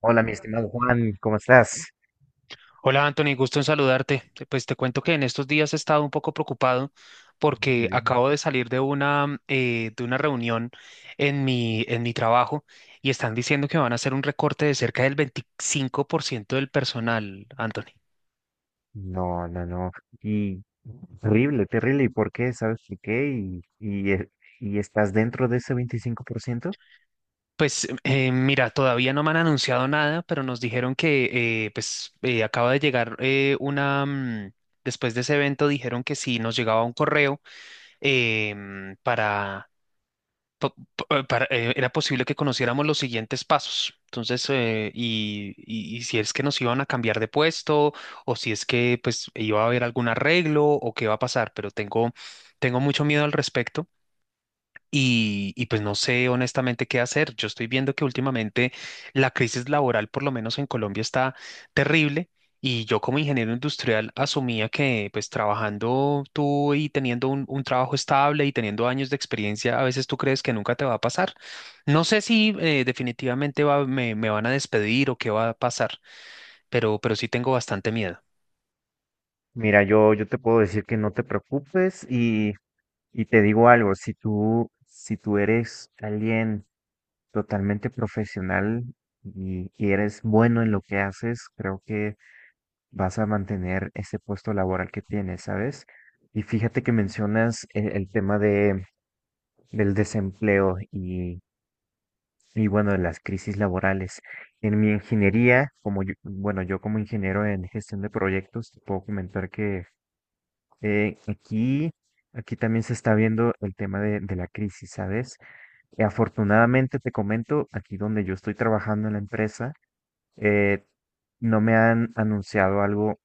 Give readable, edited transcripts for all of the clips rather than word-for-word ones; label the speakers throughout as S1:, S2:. S1: Hola, mi estimado Juan, ¿cómo estás?
S2: Hola Anthony, gusto en saludarte. Pues te cuento que en estos días he estado un poco preocupado
S1: Dime,
S2: porque
S1: dime.
S2: acabo de salir de una reunión en mi trabajo y están diciendo que van a hacer un recorte de cerca del 25% del personal, Anthony.
S1: No, no, no. Y terrible, terrible. ¿Y por qué? ¿Sabes por qué? ¿ Y estás dentro de ese 25%.
S2: Pues mira, todavía no me han anunciado nada, pero nos dijeron que acaba de llegar Después de ese evento dijeron que sí, nos llegaba un correo em, para pa- pa- para- era posible que conociéramos los siguientes pasos. Entonces, y si es que nos iban a cambiar de puesto o si es que pues iba a haber algún arreglo o qué va a pasar, pero tengo mucho miedo al respecto. Y pues no sé honestamente qué hacer. Yo estoy viendo que últimamente la crisis laboral, por lo menos en Colombia, está terrible. Y yo como ingeniero industrial asumía que pues trabajando tú y teniendo un trabajo estable y teniendo años de experiencia, a veces tú crees que nunca te va a pasar. No sé si definitivamente me van a despedir o qué va a pasar, pero sí tengo bastante miedo.
S1: Mira, yo te puedo decir que no te preocupes y te digo algo, si tú eres alguien totalmente profesional y eres bueno en lo que haces, creo que vas a mantener ese puesto laboral que tienes, ¿sabes? Y fíjate que mencionas el tema de del desempleo y bueno, de las crisis laborales. En mi ingeniería, yo como ingeniero en gestión de proyectos, te puedo comentar que eh, aquí, aquí también se está viendo el tema de la crisis, ¿sabes? Y afortunadamente te comento, aquí donde yo estoy trabajando en la empresa, eh, no me han anunciado algo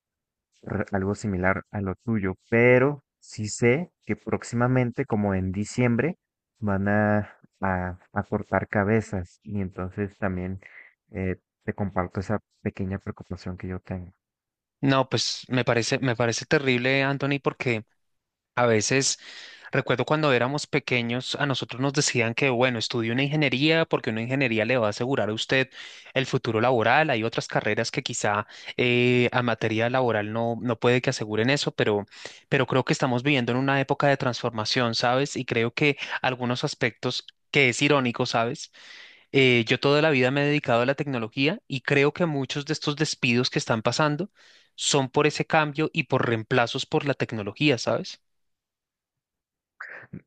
S1: r- algo similar a lo tuyo, pero sí sé que próximamente, como en diciembre, van a cortar cabezas y entonces también eh, te comparto esa pequeña preocupación que yo tengo.
S2: No, pues me parece terrible, Anthony, porque a veces... Recuerdo cuando éramos pequeños, a nosotros nos decían que, bueno, estudie una ingeniería porque una ingeniería le va a asegurar a usted el futuro laboral. Hay otras carreras que quizá a materia laboral no puede que aseguren eso, pero creo que estamos viviendo en una época de transformación, ¿sabes? Y creo que algunos aspectos que es irónico, ¿sabes? Yo toda la vida me he dedicado a la tecnología y creo que muchos de estos despidos que están pasando son por ese cambio y por reemplazos por la tecnología, ¿sabes?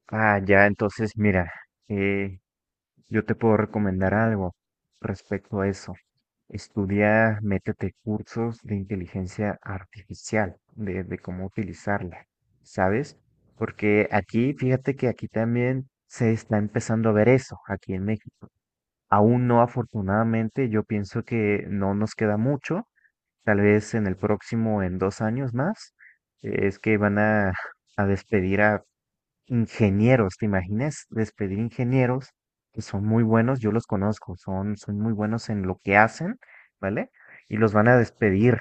S1: Ah, ya, entonces mira, eh, yo te puedo recomendar algo respecto a eso. Estudia, métete cursos de inteligencia artificial, de cómo utilizarla, ¿sabes? Porque aquí, fíjate que aquí también se está empezando a ver eso, aquí en México. Aún no, afortunadamente, yo pienso que no nos queda mucho, tal vez en el próximo, en dos años más, es que van a despedir a ingenieros. ¿Te imaginas despedir ingenieros que son muy buenos? Yo los conozco, son muy buenos en lo que hacen, ¿vale? Y los van a despedir.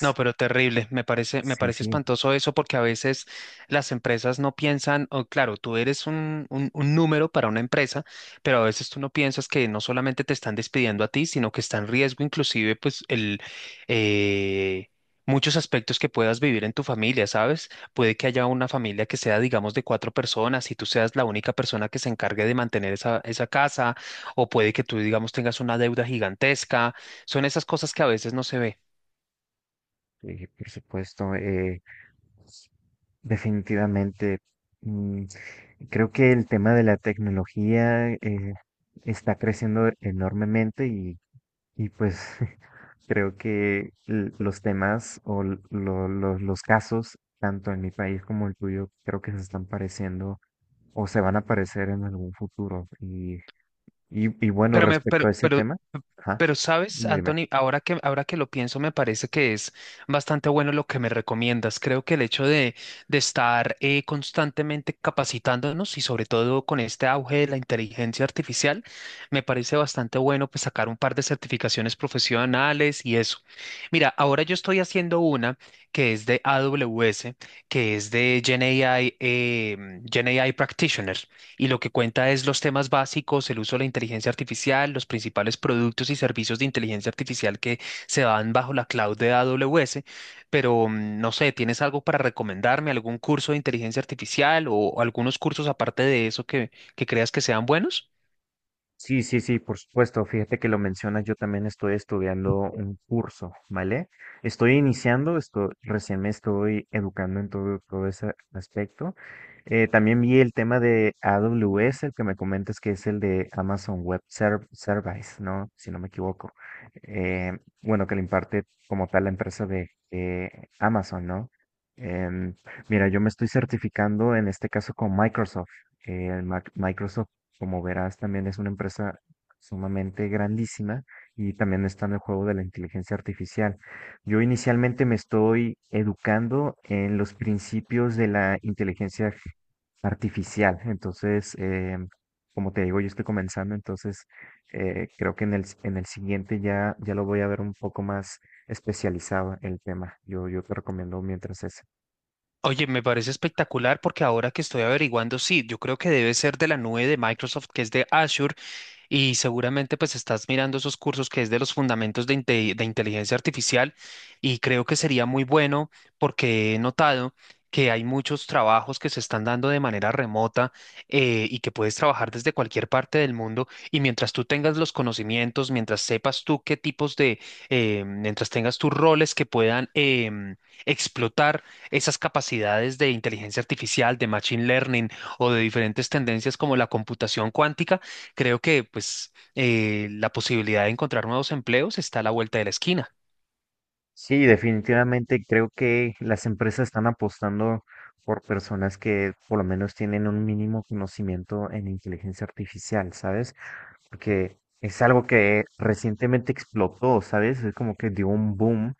S2: No, pero terrible. Me parece, me
S1: sí,
S2: parece
S1: sí,
S2: espantoso eso porque a veces las empresas no piensan, o claro, tú eres un número para una empresa, pero a veces tú no piensas que no solamente te están despidiendo a ti, sino que está en riesgo inclusive pues el eh, muchos aspectos que puedas vivir en tu familia, ¿sabes? Puede que haya una familia que sea, digamos, de cuatro personas y tú seas la única persona que se encargue de mantener esa casa, o puede que tú, digamos, tengas una deuda gigantesca. Son esas cosas que a veces no se ve.
S1: por supuesto, pues, definitivamente. mm, Creo que el tema de la tecnología está creciendo enormemente y pues creo que los temas o los casos, tanto en mi país como el tuyo, creo que se están pareciendo o se van a parecer en algún futuro. Y bueno,
S2: Pero me, pero,
S1: respecto a ese
S2: pero,
S1: tema, ajá,
S2: pero sabes,
S1: dime.
S2: Anthony, ahora que lo pienso, me parece que es bastante bueno lo que me recomiendas. Creo que el hecho de estar constantemente capacitándonos y sobre todo con este auge de la inteligencia artificial, me parece bastante bueno pues sacar un par de certificaciones profesionales y eso. Mira, ahora yo estoy haciendo una que es de AWS, que es de GenAI, GenAI Practitioner. Y lo que cuenta es los temas básicos, el uso de la inteligencia artificial, los principales productos y servicios de inteligencia artificial que se dan bajo la cloud de AWS. Pero no sé, ¿tienes algo para recomendarme? ¿Algún curso de inteligencia artificial o algunos cursos aparte de eso que creas que sean buenos?
S1: Sí, sí, sí, por supuesto. Fíjate que lo mencionas, yo también estoy estudiando un curso, ¿vale? Estoy iniciando, esto, recién me estoy educando en todo, todo ese aspecto. También vi el tema de AWS, el que me comentas que es el de Amazon Web Service, ¿no? Si no me equivoco. Eh, bueno, que lo imparte como tal la empresa de Amazon, ¿no? Em, Mira, yo me estoy certificando en este caso con Microsoft. El Microsoft, como verás, también es una empresa sumamente grandísima y también está en el juego de la inteligencia artificial. Yo inicialmente me estoy educando en los principios de la artificial. Entonces, como te digo, yo estoy comenzando, entonces creo que en en el siguiente ya, ya lo voy a ver un poco más especializado el tema. Yo te recomiendo mientras es.
S2: Oye, me parece espectacular porque ahora que estoy averiguando, sí, yo creo que debe ser de la nube de Microsoft, que es de Azure, y seguramente pues estás mirando esos cursos que es de los fundamentos de inteligencia artificial y creo que sería muy bueno porque he notado que hay muchos trabajos que se están dando de manera remota y que puedes trabajar desde cualquier parte del mundo y mientras tú tengas los conocimientos, mientras sepas tú qué tipos mientras tengas tus roles que puedan explotar esas capacidades de inteligencia artificial, de machine learning o de diferentes tendencias como la computación cuántica, creo que pues la posibilidad de encontrar nuevos empleos está a la vuelta de la esquina.
S1: Sí, definitivamente creo que las empresas están apostando por personas que por lo menos tienen un mínimo conocimiento en inteligencia artificial, ¿sabes? Porque es algo que recientemente explotó, ¿sabes? Es como que dio un boom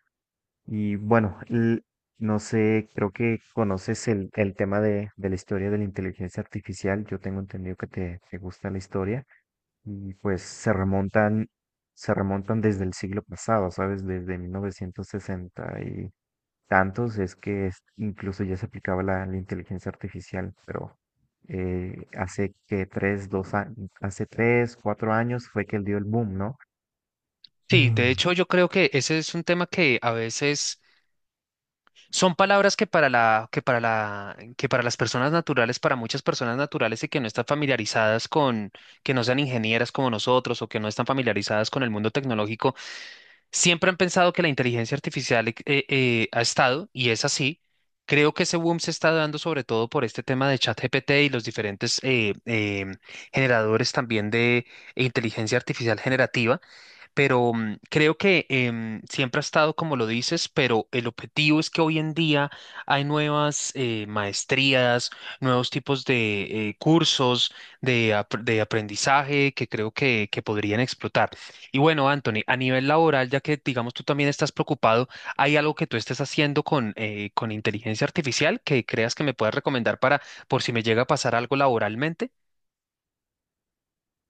S1: y bueno, no sé, creo que conoces el tema de la historia de la inteligencia artificial. Yo tengo entendido que te gusta la historia y pues se remontan desde el siglo pasado, ¿sabes? Desde 1960 y tantos es que incluso ya se aplicaba la inteligencia artificial, pero hace que dos años, hace tres, cuatro años fue que él dio el boom, ¿no?
S2: Sí, de hecho yo creo que ese es un tema que a veces son palabras que para la, que para la, que para las personas naturales, para muchas personas naturales y que no están familiarizadas con, que no sean ingenieras como nosotros o que no están familiarizadas con el mundo tecnológico. Siempre han pensado que la inteligencia artificial ha estado, y es así. Creo que ese boom se está dando sobre todo por este tema de ChatGPT y los diferentes generadores también de inteligencia artificial generativa, pero creo que siempre ha estado como lo dices, pero el objetivo es que hoy en día hay nuevas maestrías, nuevos tipos de cursos de aprendizaje que creo que podrían explotar. Y bueno, Anthony, a nivel laboral, ya que digamos tú también estás preocupado, ¿hay algo que tú estés haciendo con inteligencia artificial que creas que me puedas recomendar para por si me llega a pasar algo laboralmente?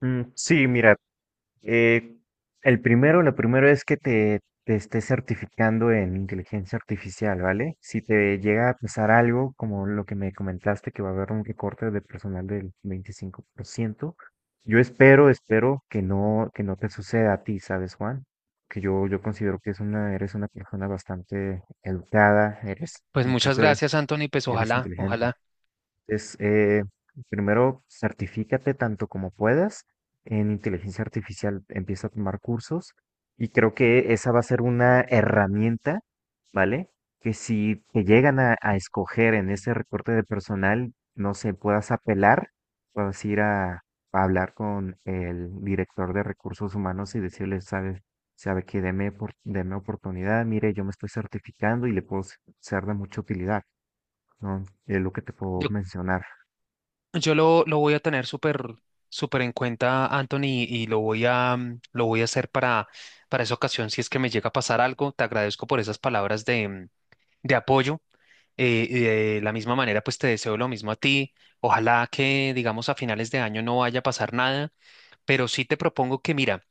S1: Sí, mira, eh, el primero, lo primero es que te estés certificando en inteligencia artificial, ¿vale? Si te llega a pasar algo, como lo que me comentaste, que va a haber un recorte de personal del 25%, yo espero, espero que no te suceda a ti, ¿sabes, Juan? Que yo considero que es una, eres una persona bastante educada, eres,
S2: Pues muchas
S1: incluso eres,
S2: gracias, Anthony, pues
S1: eres
S2: ojalá,
S1: inteligente
S2: ojalá.
S1: es primero, certifícate tanto como puedas en inteligencia artificial, empieza a tomar cursos y creo que esa va a ser una herramienta, ¿vale? Que si te llegan a escoger en ese recorte de personal, no sé, puedas apelar, puedas ir a hablar con el director de recursos humanos y decirle, sabes, sabe que deme, deme oportunidad, mire, yo me estoy certificando y le puedo ser de mucha utilidad, ¿no? Es lo que te puedo
S2: Yo
S1: mencionar.
S2: Yo lo voy a tener súper súper en cuenta, Anthony, y lo voy a hacer para esa ocasión. Si es que me llega a pasar algo, te agradezco por esas palabras de apoyo. Y de la misma manera, pues te deseo lo mismo a ti. Ojalá que, digamos, a finales de año no vaya a pasar nada, pero sí te propongo que, mira,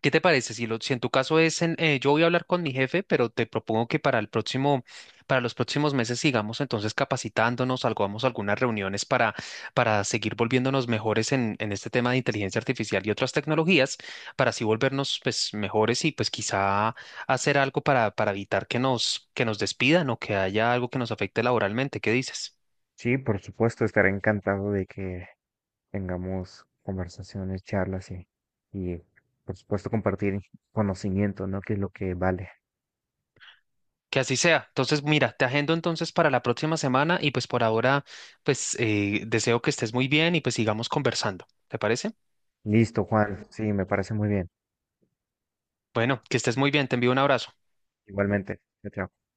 S2: ¿qué te parece? Si en tu caso es, yo voy a hablar con mi jefe, pero te propongo que para los próximos meses sigamos entonces capacitándonos, hagamos algunas reuniones para seguir volviéndonos mejores en este tema de inteligencia artificial y otras tecnologías, para así volvernos pues mejores y pues quizá hacer algo para evitar que nos despidan o que haya algo que nos afecte laboralmente. ¿Qué dices?
S1: Sí, por supuesto, estaré encantado de que tengamos conversaciones, charlas y por supuesto compartir conocimiento, ¿no? Que es lo que vale.
S2: Que así sea. Entonces, mira, te agendo entonces para la próxima semana y pues por ahora, pues deseo que estés muy bien y pues sigamos conversando. ¿Te parece?
S1: Listo, Juan. Sí, me parece muy bien.
S2: Bueno, que estés muy bien. Te envío un abrazo.
S1: Igualmente. Chao. Chao.